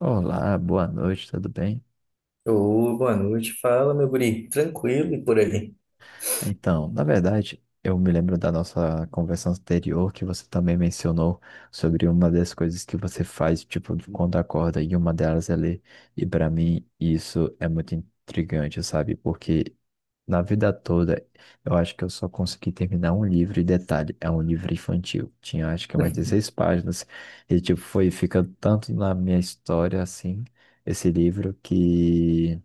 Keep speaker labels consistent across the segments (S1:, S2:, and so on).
S1: Olá, boa noite, tudo bem?
S2: Ô, boa noite. Fala, meu guri. Tranquilo e por aí.
S1: Então, na verdade, eu me lembro da nossa conversa anterior que você também mencionou sobre uma das coisas que você faz, tipo, de quando acorda, e uma delas é ler. E para mim, isso é muito intrigante, sabe? Porque na vida toda, eu acho que eu só consegui terminar um livro, e detalhe, é um livro infantil. Tinha, acho que umas 16 páginas, e, tipo, foi ficando tanto na minha história, assim, esse livro que.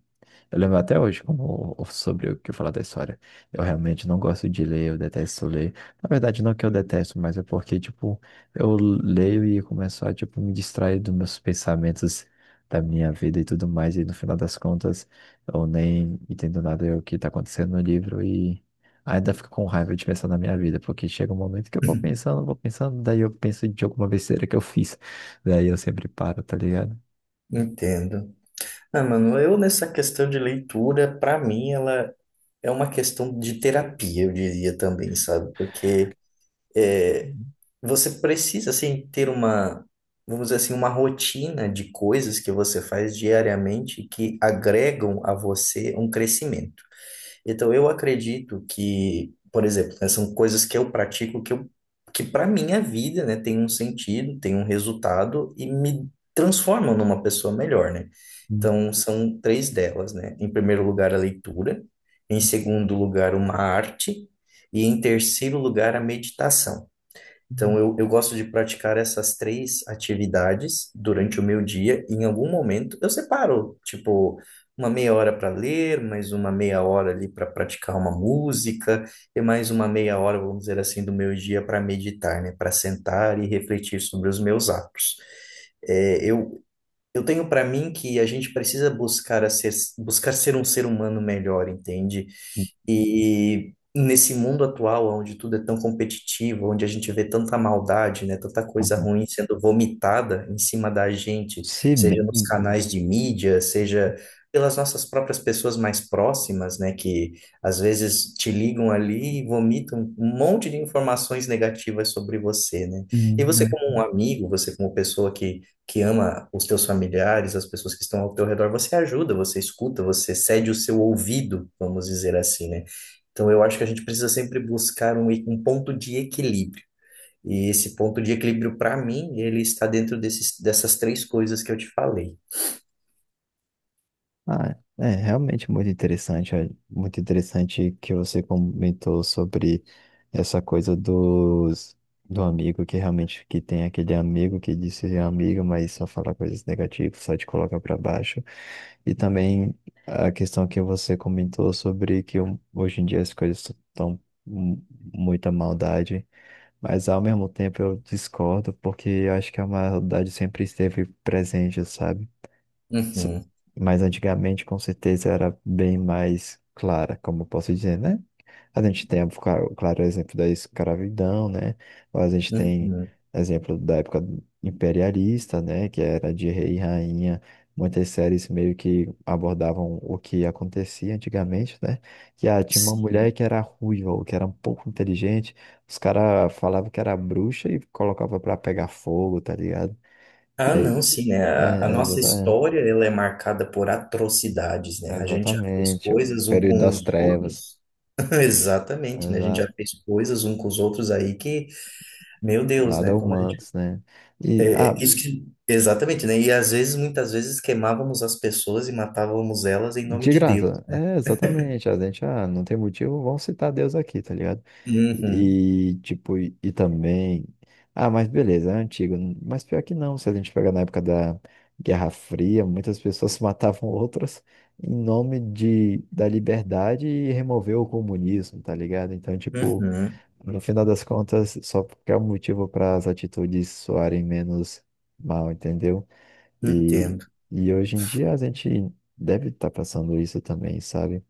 S1: Eu lembro até hoje como, sobre o que eu falar da história. Eu realmente não gosto de ler, eu detesto ler. Na verdade, não que eu detesto, mas é porque, tipo, eu leio e começo a, tipo, me distrair dos meus pensamentos da minha vida e tudo mais. E no final das contas, eu nem entendo nada do que tá acontecendo no livro e ainda fico com raiva de pensar na minha vida, porque chega um momento que eu vou pensando, daí eu penso de alguma besteira que eu fiz. Daí eu sempre paro, tá ligado?
S2: Entendo. Ah, mano, eu nessa questão de leitura, pra mim, ela é uma questão de terapia, eu diria também, sabe? Porque é, você precisa, assim, ter uma, vamos dizer assim, uma rotina de coisas que você faz diariamente que agregam a você um crescimento. Então, eu acredito que, por exemplo, né, são coisas que eu pratico que que para minha vida, né, tem um sentido, tem um resultado e me transformam numa pessoa melhor, né?
S1: Uhum.
S2: Então, são três delas, né? Em primeiro lugar, a leitura. Em segundo lugar, uma arte. E em terceiro lugar, a meditação. Então, eu gosto de praticar essas três atividades durante o meu dia. E em algum momento, eu separo, tipo, uma meia hora para ler, mais uma meia hora ali para praticar uma música, e mais uma meia hora, vamos dizer assim, do meu dia para meditar, né? Para sentar e refletir sobre os meus atos. É, eu eu tenho para mim que a gente precisa buscar a ser, buscar ser um ser humano melhor, entende? E nesse mundo atual, onde tudo é tão competitivo, onde a gente vê tanta maldade, né, tanta coisa ruim sendo vomitada em cima da gente,
S1: Se
S2: seja
S1: bem,
S2: nos canais de mídia, seja pelas nossas próprias pessoas mais próximas, né, que às vezes te ligam ali e vomitam um monte de informações negativas sobre você, né? E
S1: Hum,
S2: você
S1: né?
S2: como um amigo, você como pessoa que ama os teus familiares, as pessoas que estão ao teu redor, você ajuda, você escuta, você cede o seu ouvido, vamos dizer assim, né? Então eu acho que a gente precisa sempre buscar um ponto de equilíbrio. E esse ponto de equilíbrio, para mim, ele está dentro dessas três coisas que eu te falei.
S1: Ah, é realmente muito interessante, é muito interessante que você comentou sobre essa coisa dos do amigo que realmente que tem aquele amigo que diz ser amigo, mas só fala coisas negativas, só te coloca para baixo. E também a questão que você comentou sobre que hoje em dia as coisas estão muita maldade, mas ao mesmo tempo eu discordo porque eu acho que a maldade sempre esteve presente, sabe? So-
S2: Uhum,
S1: Mas antigamente, com certeza, era bem mais clara, como eu posso dizer, né? A gente tem, o claro, o exemplo da escravidão, né? Ou a gente tem
S2: uhum.
S1: exemplo da época imperialista, né? Que era de rei e rainha. Muitas séries meio que abordavam o que acontecia antigamente, né? Que tinha uma mulher
S2: Sim.
S1: que era ruiva ou que era um pouco inteligente. Os caras falavam que era bruxa e colocava pra pegar fogo, tá ligado? E
S2: Ah,
S1: aí,
S2: não, sim, né? A nossa
S1: exatamente.
S2: história, ela é marcada por atrocidades, né? A gente já fez
S1: Exatamente, o
S2: coisas um
S1: período
S2: com os
S1: das trevas,
S2: outros. Exatamente, né? A gente já
S1: exato,
S2: fez coisas um com os outros aí que Meu Deus,
S1: nada
S2: né? Quando a gente...
S1: humanos, né? E,
S2: é, isso que... Exatamente, né? E às vezes, muitas vezes, queimávamos as pessoas e matávamos elas em nome
S1: de
S2: de Deus.
S1: graça, é exatamente, a gente, não tem motivo, vamos citar Deus aqui, tá ligado?
S2: Uhum,
S1: E, tipo, e também, mas beleza, é antigo, mas pior que não, se a gente pegar na época da Guerra Fria, muitas pessoas matavam outras em nome da liberdade e remover o comunismo, tá ligado? Então, tipo,
S2: uhum,
S1: no final das contas, só porque é um motivo para as atitudes soarem menos mal, entendeu? E,
S2: entendo.
S1: e hoje em dia a gente deve estar passando isso também, sabe?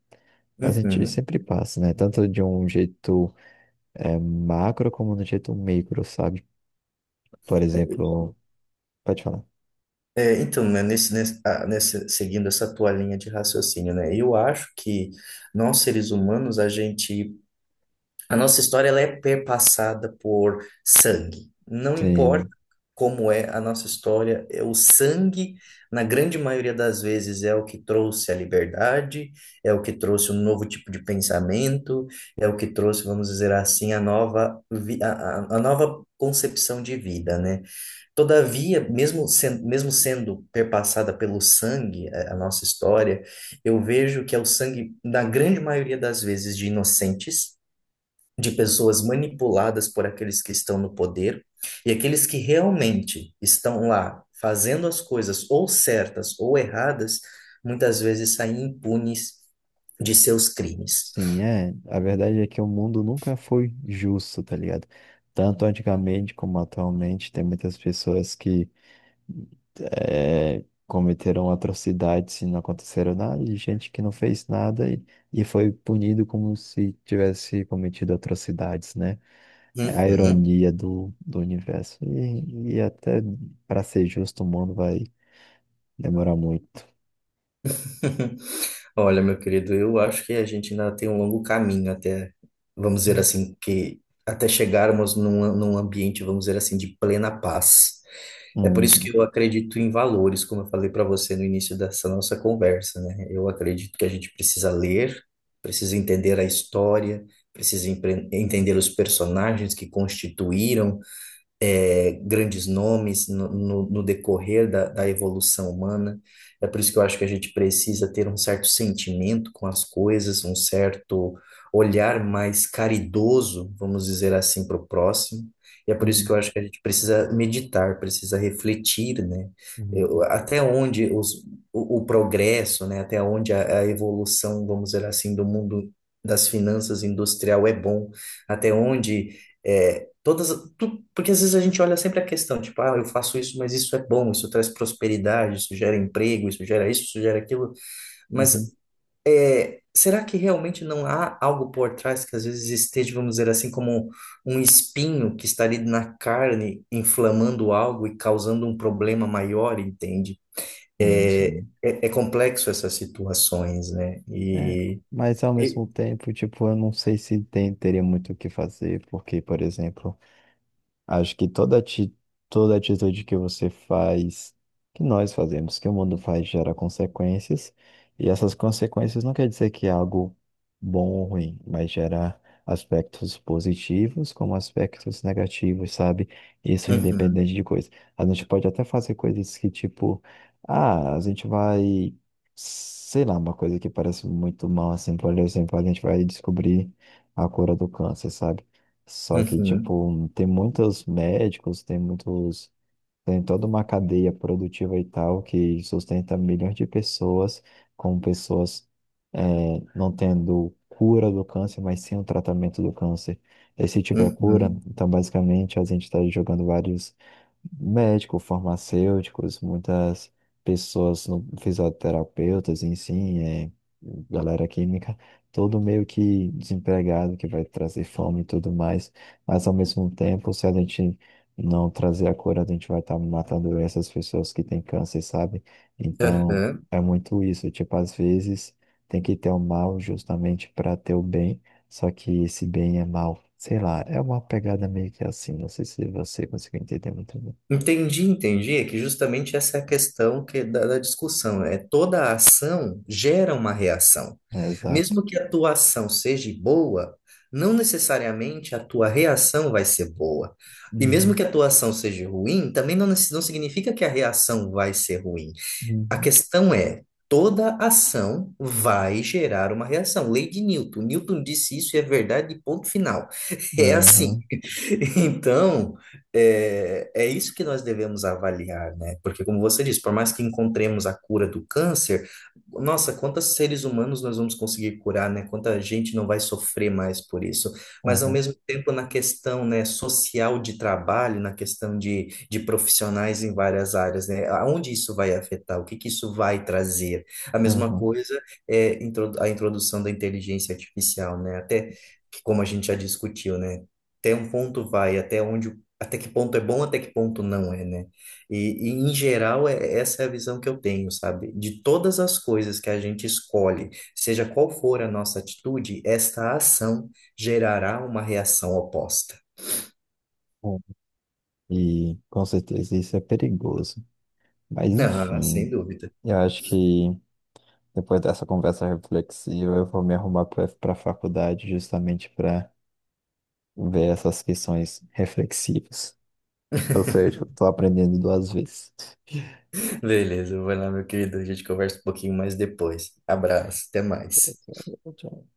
S1: A gente
S2: Uhum.
S1: sempre passa, né? Tanto de um jeito macro como de um jeito micro, sabe? Por exemplo, pode falar.
S2: Né, seguindo essa tua linha de raciocínio, né? Eu acho que nós, seres humanos, a gente. A nossa história ela é perpassada por sangue. Não importa
S1: Sim,
S2: como é a nossa história, é o sangue, na grande maioria das vezes, é o que trouxe a liberdade, é o que trouxe um novo tipo de pensamento, é o que trouxe, vamos dizer assim, a nova, vi- a nova concepção de vida, né? Todavia, mesmo sendo perpassada pelo sangue, a nossa história, eu vejo que é o sangue, na grande maioria das vezes, de inocentes de pessoas manipuladas por aqueles que estão no poder e aqueles que realmente estão lá fazendo as coisas ou certas ou erradas, muitas vezes saem impunes de seus crimes.
S1: sim, é. A verdade é que o mundo nunca foi justo, tá ligado? Tanto antigamente como atualmente, tem muitas pessoas que cometeram atrocidades se não aconteceram nada, de gente que não fez nada e foi punido como se tivesse cometido atrocidades, né? É a
S2: Uhum.
S1: ironia do universo. E até para ser justo, o mundo vai demorar muito.
S2: Olha, meu querido, eu acho que a gente ainda tem um longo caminho vamos dizer assim, que até chegarmos num ambiente, vamos dizer assim, de plena paz. É por isso
S1: Uhum,
S2: que eu acredito em valores, como eu falei para você no início dessa nossa conversa, né? Eu acredito que a gente precisa ler, precisa entender a história, entender os personagens que constituíram grandes nomes no decorrer da evolução humana. É por isso que eu acho que a gente precisa ter um certo sentimento com as coisas, um certo olhar mais caridoso, vamos dizer assim, para o próximo. E é por isso que
S1: uhum,
S2: eu acho que a gente precisa meditar, precisa refletir, né?
S1: uhum,
S2: Até onde o progresso, né? Até onde a evolução, vamos dizer assim, do mundo das finanças industrial é bom, até onde é, Todas, porque às vezes a gente olha sempre a questão, tipo, ah, eu faço isso, mas isso é bom, isso traz prosperidade, isso gera emprego, isso gera isso, isso gera aquilo,
S1: uhum.
S2: mas será que realmente não há algo por trás que às vezes esteja, vamos dizer assim, como um espinho que está ali na carne, inflamando algo e causando um problema maior, entende?
S1: Sim,
S2: É,
S1: sim.
S2: é complexo essas situações, né?
S1: É, mas ao
S2: E-
S1: mesmo tempo, tipo, eu não sei se teria muito o que fazer, porque, por exemplo, acho que toda atitude que você faz, que nós fazemos, que o mundo faz, gera consequências. E essas consequências não quer dizer que é algo bom ou ruim, mas gera aspectos positivos como aspectos negativos, sabe? Isso é
S2: Uhum,
S1: independente de coisa. A gente pode até fazer coisas que, tipo, a gente vai, sei lá, uma coisa que parece muito mal, assim, por exemplo, a gente vai descobrir a cura do câncer, sabe? Só que,
S2: uhum,
S1: tipo, tem muitos médicos, tem toda uma cadeia produtiva e tal que sustenta milhões de pessoas, com pessoas eh, não tendo cura do câncer, mas sim o tratamento do câncer. E se tiver cura,
S2: uhum,
S1: então basicamente a gente está jogando vários médico, farmacêuticos, muitas pessoas, fisioterapeutas, em si, galera química, todo meio que desempregado, que vai trazer fome e tudo mais, mas ao mesmo tempo, se a gente não trazer a cura, a gente vai estar matando essas pessoas que têm câncer, sabe? Então,
S2: aham.
S1: é muito isso, tipo, às vezes tem que ter o mal justamente para ter o bem, só que esse bem é mal. Sei lá, é uma pegada meio que assim. Não sei se você conseguiu entender muito.
S2: Entendi, entendi. É que justamente essa é a questão é da discussão. É toda ação gera uma reação.
S1: Exato.
S2: Mesmo que a tua ação seja boa, não necessariamente a tua reação vai ser boa. E mesmo
S1: Uhum,
S2: que a tua ação seja ruim, também não, nece- não significa que a reação vai ser ruim. A
S1: uhum,
S2: questão é, toda ação vai gerar uma reação. Lei de Newton. Newton disse isso e é verdade, ponto final. É assim.
S1: aham,
S2: Então, é isso que nós devemos avaliar, né? Porque, como você disse, por mais que encontremos a cura do câncer, nossa, quantos seres humanos nós vamos conseguir curar, né? Quanta gente não vai sofrer mais por isso, mas ao
S1: aham,
S2: mesmo tempo na questão, né, social de trabalho, na questão de profissionais em várias áreas, né, aonde isso vai afetar, o que que isso vai trazer. A mesma
S1: aham.
S2: coisa a introdução da inteligência artificial, né, até que, como a gente já discutiu, né, até um ponto vai, até onde, até que ponto é bom, até que ponto não é, né? Em geral, essa é a visão que eu tenho, sabe? De todas as coisas que a gente escolhe, seja qual for a nossa atitude, esta ação gerará uma reação oposta.
S1: Bom, e com certeza isso é perigoso. Mas
S2: Ah,
S1: enfim,
S2: sem dúvida.
S1: eu acho que depois dessa conversa reflexiva, eu vou me arrumar para a faculdade justamente para ver essas questões reflexivas. Ou seja, eu estou aprendendo duas vezes.
S2: Beleza, vai lá, meu querido. A gente conversa um pouquinho mais depois. Abraço, até mais.
S1: Tchau, tchau.